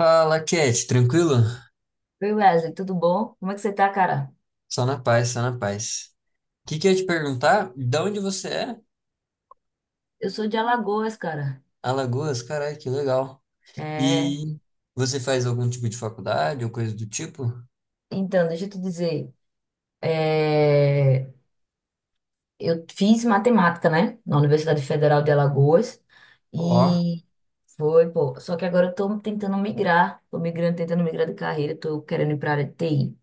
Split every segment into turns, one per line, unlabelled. Fala, Cat, tranquilo?
Oi, Wesley, tudo bom? Como é que você tá, cara?
Só na paz, só na paz. O que que eu ia te perguntar? De onde você é?
Eu sou de Alagoas, cara.
Alagoas, caralho, que legal.
É,
E você faz algum tipo de faculdade ou coisa do tipo?
então, deixa eu te dizer. é, eu fiz matemática, né? Na Universidade Federal de Alagoas.
Ó,
E foi, pô. Só que agora eu tô tentando migrar. Tô migrando, tentando migrar de carreira. Tô querendo ir pra área de TI.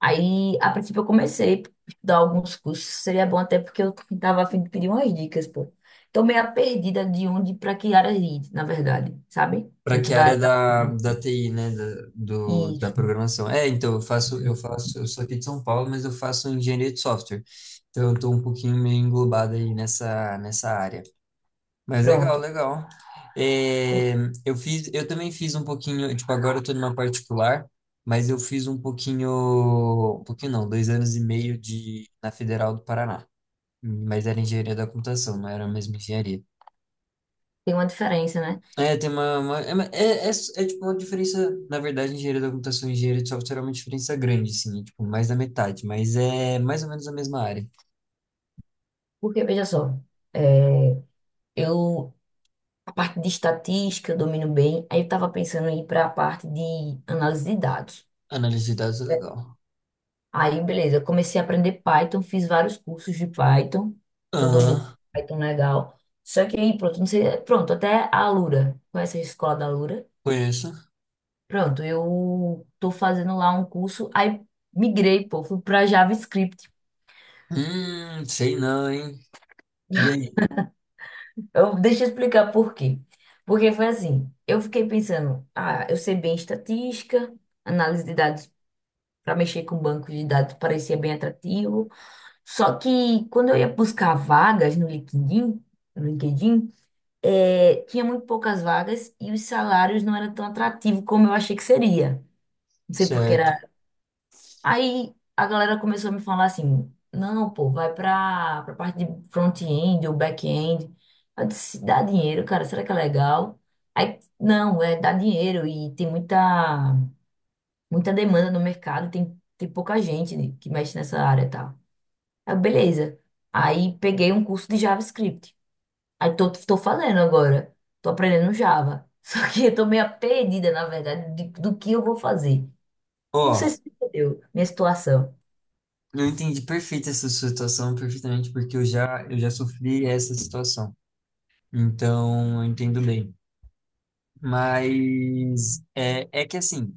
Aí, a princípio, eu comecei a estudar alguns cursos. Seria bom até porque eu tava a fim de pedir umas dicas, pô. Tô meio perdida de onde pra que área ir, na verdade, sabe?
pra
Dentro
que
da
área
área da...
da TI, né? Da, do, da
Isso.
programação. É, então, eu sou aqui de São Paulo, mas eu faço engenharia de software. Então, eu tô um pouquinho meio englobado aí nessa área. Mas legal,
Pronto.
legal. É, eu fiz, eu também fiz um pouquinho, tipo, agora eu tô numa particular, mas eu fiz um pouquinho não, 2 anos e meio de, na Federal do Paraná. Mas era engenharia da computação, não era a mesma engenharia.
Tem uma diferença, né?
É, tem uma tipo uma diferença, na verdade, engenharia da computação e engenharia de software é uma diferença grande, assim, é, tipo, mais da metade, mas é mais ou menos a mesma área.
Porque, veja só, é, eu, a parte de estatística eu domino bem, aí eu estava pensando em ir para a parte de análise de dados.
Análise de dados é legal.
Aí, beleza, eu comecei a aprender Python, fiz vários cursos de Python, tô
Aham,
dominando Python legal. Só que aí, pronto, não sei, pronto, até a Alura, conhece a escola da Alura?
conheço.
Pronto, eu tô fazendo lá um curso, aí migrei, pô, fui para JavaScript.
Sei não, hein? E aí?
Eu, deixa eu explicar por quê. Porque foi assim, eu fiquei pensando, ah, eu sei bem estatística, análise de dados para mexer com banco de dados parecia bem atrativo. Só que quando eu ia buscar vagas no LinkedIn, no LinkedIn, tinha muito poucas vagas e os salários não eram tão atrativos como eu achei que seria. Não sei porque.
Certo.
Aí a galera começou a me falar assim: não, pô, vai pra, parte de front-end ou back-end. Eu disse: dá dinheiro, cara, será que é legal? Aí, não, é dá dinheiro e tem muita, muita demanda no mercado, tem, pouca gente que mexe nessa área e tal. Aí, beleza. Aí peguei um curso de JavaScript. Aí tô fazendo agora, tô aprendendo Java. Só que eu tô meio perdida, na verdade, do que eu vou fazer. Não sei
Ó,
se você entendeu minha situação.
eu entendi perfeito essa sua situação, perfeitamente, porque eu já sofri essa situação. Então, eu entendo bem. Mas é que assim,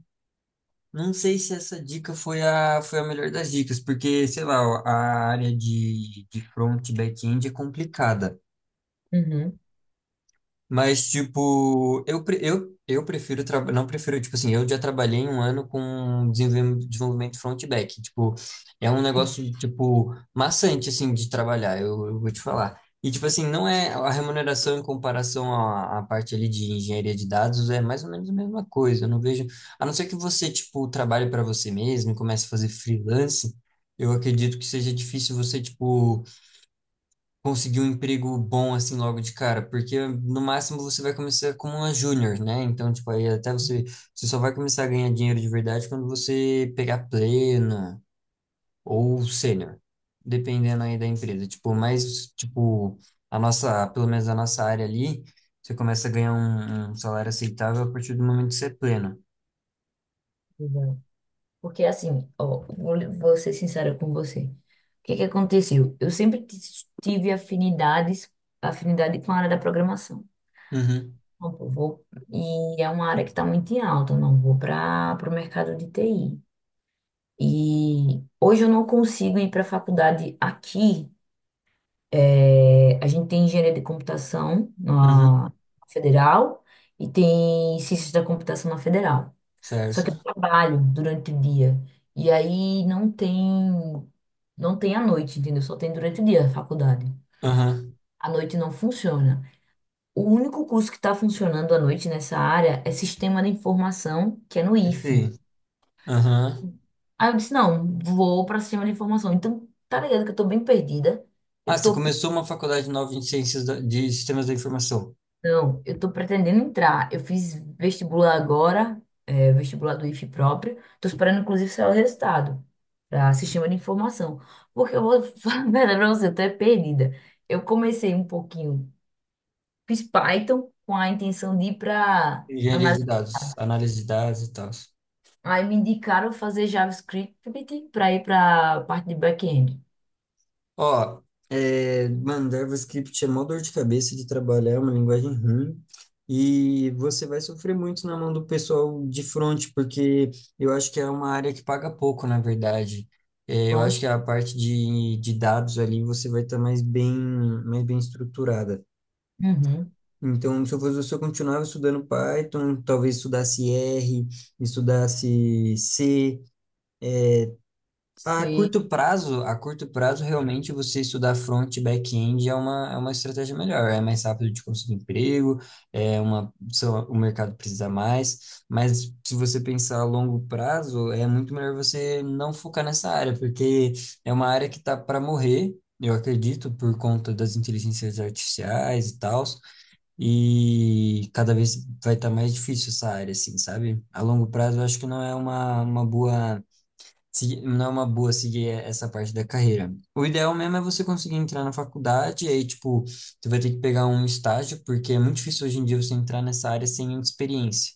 não sei se essa dica foi a melhor das dicas, porque, sei lá, ó, a área de front e back-end é complicada.
Uhum.
Mas, tipo, eu, pre- eu prefiro, traba- não prefiro, tipo assim, eu já trabalhei um ano com desenvolvimento front e back. Tipo, é um negócio, tipo, maçante, assim, de trabalhar, eu vou te falar. E, tipo assim, não é a remuneração em comparação à parte ali de engenharia de dados, é mais ou menos a mesma coisa. Eu não vejo, a não ser que você, tipo, trabalhe para você mesmo e comece a fazer freelance, eu acredito que seja difícil você, tipo, conseguir um emprego bom assim logo de cara, porque no máximo você vai começar como uma júnior, né? Então, tipo, aí até você só vai começar a ganhar dinheiro de verdade quando você pegar pleno ou sênior, dependendo aí da empresa. Tipo, mais, tipo, a nossa, pelo menos a nossa área ali, você começa a ganhar um salário aceitável a partir do momento que você é pleno.
Exato. Porque assim, ó, vou ser sincera com você. O que que aconteceu? Eu sempre tive afinidades, afinidade com a área da programação.
Uhum,
Então, pô, vou, e é uma área que está muito em alta, não vou para o mercado de TI. E hoje eu não consigo ir para a faculdade aqui. É, a gente tem engenharia de computação
uhum,
na federal e tem ciências da computação na federal. Só que eu
certo?
trabalho durante o dia. E aí não tem, não tem à noite, entendeu? Só tem durante o dia a faculdade.
Aham,
À noite não funciona. O único curso que está funcionando à noite nessa área é Sistema de Informação, que é no
é
IFE.
sim. Aham.
Aí eu disse, não, vou para Sistema de Informação. Então, tá ligado que eu tô bem perdida.
Ah,
Eu
você
tô
começou uma faculdade nova de de sistemas da informação.
Não, eu tô pretendendo entrar. Eu fiz vestibular agora, vestibular do IFE próprio. Tô esperando, inclusive, sair o resultado para sistema de informação. Porque eu vou falar a verdade pra você, eu tô é perdida. Eu comecei um pouquinho, fiz Python com a intenção de ir para
Engenharia de
análise.
dados, análise de dados e tal.
Aí me indicaram fazer JavaScript para ir para parte de back-end.
Ó, é, mano, JavaScript é mó dor de cabeça de trabalhar, é uma linguagem ruim. E você vai sofrer muito na mão do pessoal de front, porque eu acho que é uma área que paga pouco, na verdade. É, eu acho
Pronto.
que a parte de dados ali você vai estar mais bem estruturada.
Uhum.
Então, se eu fosse você, eu continuava estudando Python, talvez estudasse R, estudasse C.
Sei.
A curto prazo, realmente você estudar front e back-end é uma estratégia melhor, é mais rápido de conseguir emprego, o mercado precisa mais, mas se você pensar a longo prazo, é muito melhor você não focar nessa área, porque é uma área que está para morrer, eu acredito, por conta das inteligências artificiais e tal, e cada vez vai estar mais difícil essa área, assim, sabe? A longo prazo, eu acho que não é uma boa não é uma boa seguir essa parte da carreira. O ideal mesmo é você conseguir entrar na faculdade, e aí, tipo, tu vai ter que pegar um estágio, porque é muito difícil hoje em dia você entrar nessa área sem experiência.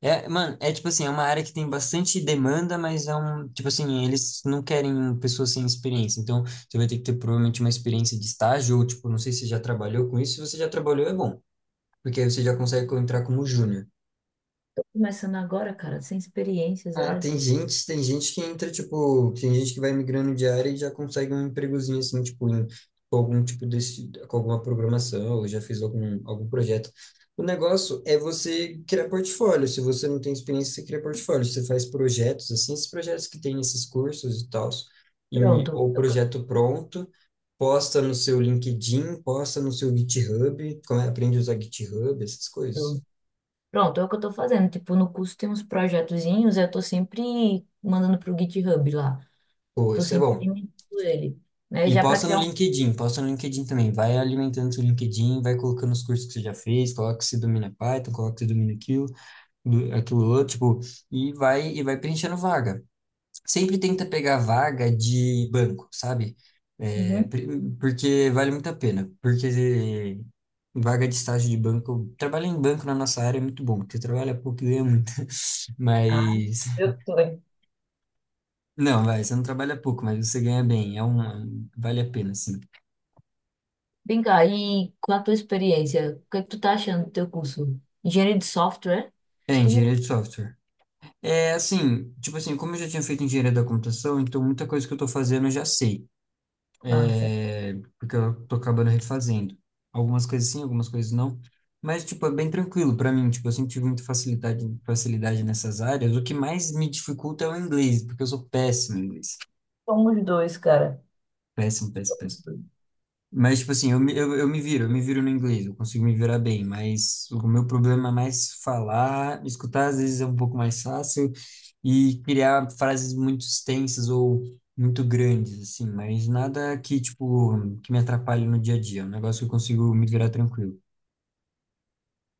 É, mano, é tipo assim, é uma área que tem bastante demanda, mas é um, tipo assim, eles não querem pessoas sem experiência. Então, você vai ter que ter provavelmente uma experiência de estágio, ou tipo, não sei se você já trabalhou com isso. Se você já trabalhou, é bom, porque aí você já consegue entrar como júnior.
Tô começando agora, cara, sem experiência,
Ah,
zero.
tem gente que entra, tipo, tem gente que vai migrando de área e já consegue um empregozinho assim, tipo, em, com algum tipo desse, com alguma programação, ou já fez algum projeto. O negócio é você criar portfólio. Se você não tem experiência, você cria portfólio. Você faz projetos, assim, esses projetos que tem nesses cursos e tal,
Pronto,
ou
é o que eu
projeto pronto, posta no seu LinkedIn, posta no seu GitHub, como é, aprende a usar GitHub, essas coisas.
tô. Pronto, é o que eu tô fazendo. Tipo, no curso tem uns projetozinhos, eu tô sempre mandando pro GitHub lá.
Pô,
Tô
isso é
sempre
bom.
alimentando ele, né?
E
Já para criar
Posta no LinkedIn também. Vai alimentando seu LinkedIn, vai colocando os cursos que você já fez, coloca que você domina Python, coloca que você domina aquilo, aquilo outro, tipo, e vai preenchendo vaga. Sempre tenta pegar vaga de banco, sabe?
um...
É,
Uhum.
pri- Porque vale muito a pena. Porque vaga de estágio de banco, trabalhar em banco na nossa área é muito bom, porque trabalha pouco e ganha muito.
Ah,
Mas
eu tô.
não, vai, você não trabalha pouco, mas você ganha bem, é um, vale a pena, sim.
Vem cá, e com a tua experiência, o que é que tu tá achando do teu curso? Engenharia de software?
É
Tu...
engenharia de software. É assim, tipo assim, como eu já tinha feito engenharia da computação, então muita coisa que eu tô fazendo eu já sei.
Nossa,
É, porque eu tô acabando refazendo. Algumas coisas sim, algumas coisas não. Mas, tipo, é bem tranquilo pra mim. Tipo, eu sempre tive muita facilidade, facilidade nessas áreas. O que mais me dificulta é o inglês, porque eu sou péssimo em inglês.
somos dois, cara.
Péssimo, péssimo, péssimo. Mas, tipo assim, eu me viro no inglês, eu consigo me virar bem, mas o meu problema é mais falar, escutar às vezes é um pouco mais fácil e criar frases muito extensas ou muito grandes, assim, mas nada que, tipo, que me atrapalhe no dia a dia, é um negócio que eu consigo me virar tranquilo.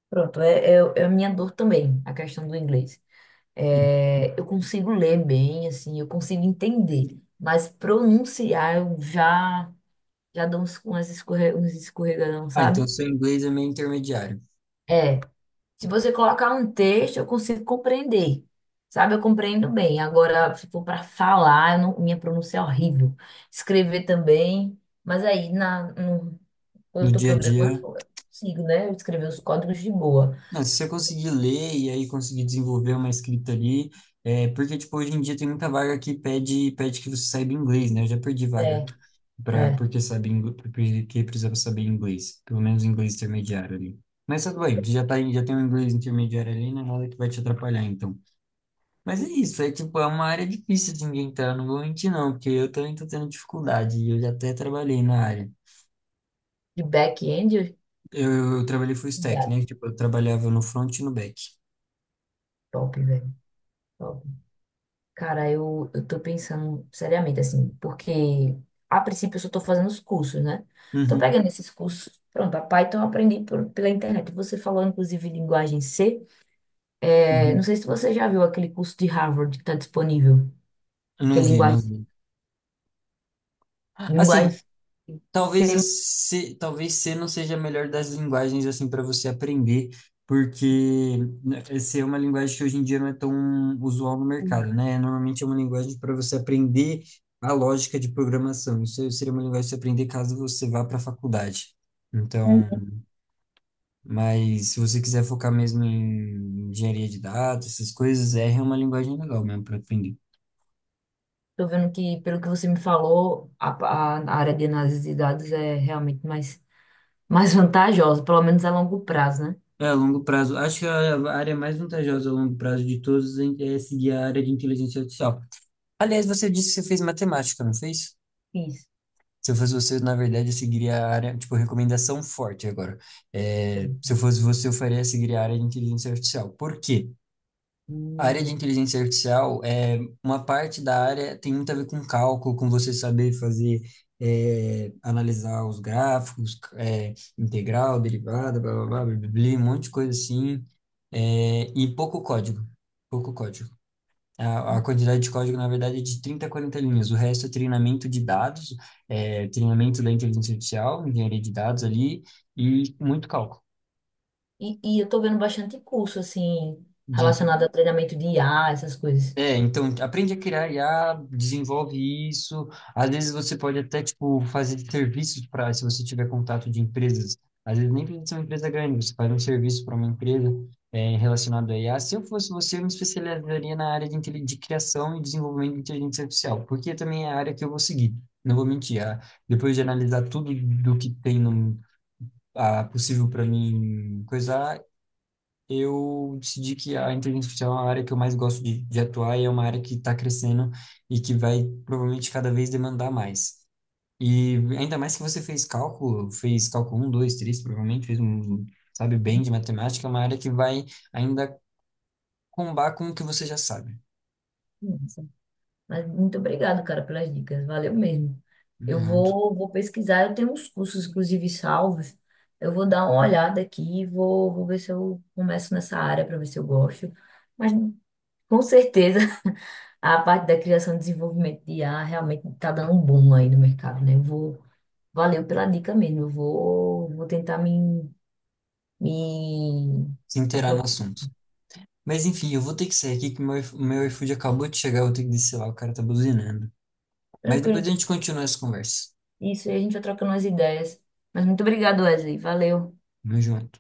Pronto, é a minha dor também, a questão do inglês.
E-
É, eu consigo ler bem, assim, eu consigo entender, mas pronunciar eu já... Já dá uns, umas uns escorregadão,
ah, então
sabe?
seu inglês é meio intermediário.
É. Se você colocar um texto, eu consigo compreender. Sabe, eu compreendo bem. Agora, se for para falar, eu não... minha pronúncia é horrível. Escrever também. Mas aí, na, no, quando
No
eu tô
dia a
programando,
dia,
eu consigo, né? Escrever os códigos de boa.
não, se você conseguir ler e aí conseguir desenvolver uma escrita ali, é, porque, tipo, hoje em dia tem muita vaga que pede que você saiba inglês, né? Eu já perdi vaga.
É,
Pra,
é.
porque porque precisava saber inglês, pelo menos inglês intermediário ali. Mas tudo bem, tu já tá, já tem um inglês intermediário ali, não é nada que vai te atrapalhar, então. Mas é isso, é tipo, é uma área difícil de ninguém entrar, não vou mentir não, porque eu também tô tendo dificuldade, e eu já até trabalhei na área.
De back-end, eu-
Eu trabalhei full stack,
cuidado.
né? Tipo, eu trabalhava no front e no back.
Top, velho. Top. Cara, eu tô pensando seriamente, assim, porque a princípio eu só tô fazendo os cursos, né? Tô
Uhum,
pegando esses cursos. Pronto, a Python eu aprendi pela internet. Você falou, inclusive, linguagem C. É, não
uhum.
sei se você já viu aquele curso de Harvard que tá disponível, que é
Não vi, não vi. Assim,
linguagem
talvez a
C.
C, talvez C não seja a melhor das linguagens assim para você aprender, porque né, C é uma linguagem que hoje em dia não é tão usual no mercado, né? Normalmente é uma linguagem para você aprender a lógica de programação. Isso seria uma linguagem para você aprender caso você vá para a faculdade. Então,
Uhum.
mas se você quiser focar mesmo em engenharia de dados, essas coisas, R é uma linguagem legal mesmo para aprender.
Tô vendo que, pelo que você me falou, a área de análise de dados é realmente mais, mais vantajosa, pelo menos a longo prazo, né?
É, a longo prazo. Acho que a área mais vantajosa a longo prazo de todos é seguir a área de inteligência artificial. Aliás, você disse que você fez matemática, não fez?
Isso.
Se eu fosse você, na verdade, eu seguiria a área, tipo, recomendação forte agora. É, se eu fosse você, eu faria seguir a área de inteligência artificial. Por quê? A área de
Hum.
inteligência artificial é uma parte da área tem muito a ver com cálculo, com você saber fazer, é, analisar os gráficos, é, integral, derivada, blá, blá, blá, blá, blá, blá, um monte de coisa assim, é, e pouco código, pouco código. A quantidade de código, na verdade, é de 30 a 40 linhas. O resto é treinamento de dados, é, treinamento da inteligência artificial, engenharia de dados ali, e muito cálculo.
E eu tô vendo bastante curso, assim,
De
relacionado a treinamento de IA, essas coisas.
É, então aprende a criar IA, desenvolve isso. Às vezes você pode até tipo fazer serviços para, se você tiver contato de empresas. Às vezes nem precisa ser uma empresa grande, você faz um serviço para uma empresa é, relacionado a IA. Se eu fosse você, eu me especializaria na área de criação e desenvolvimento de inteligência artificial, porque também é a área que eu vou seguir. Não vou mentir, ah, depois de analisar tudo do que tem no, ah, possível para mim coisar, eu decidi que a inteligência artificial é uma área que eu mais gosto de atuar e é uma área que está crescendo e que vai provavelmente cada vez demandar mais. E ainda mais que você fez cálculo um, 2, 3, provavelmente fez um, sabe, bem de matemática, é uma área que vai ainda combar com o que você já sabe.
Nossa, mas muito obrigado, cara, pelas dicas. Valeu mesmo. Eu
Obrigado.
vou, vou pesquisar. Eu tenho uns cursos, inclusive, salvos. Eu vou dar uma olhada aqui, vou, vou ver se eu começo nessa área para ver se eu gosto. Mas com certeza a parte da criação e desenvolvimento de IA realmente está dando um boom aí no mercado, né? Eu vou, valeu pela dica mesmo. Eu vou, vou tentar me, me
Se inteirar no
apro-.
assunto. Mas enfim, eu vou ter que sair aqui que meu, meu iFood acabou de chegar, eu vou ter que descer lá, o cara tá buzinando. Mas
Tranquilo.
depois a gente continua essa conversa.
Isso, aí a gente vai trocando as ideias. Mas muito obrigado, Wesley. Valeu.
Tamo junto.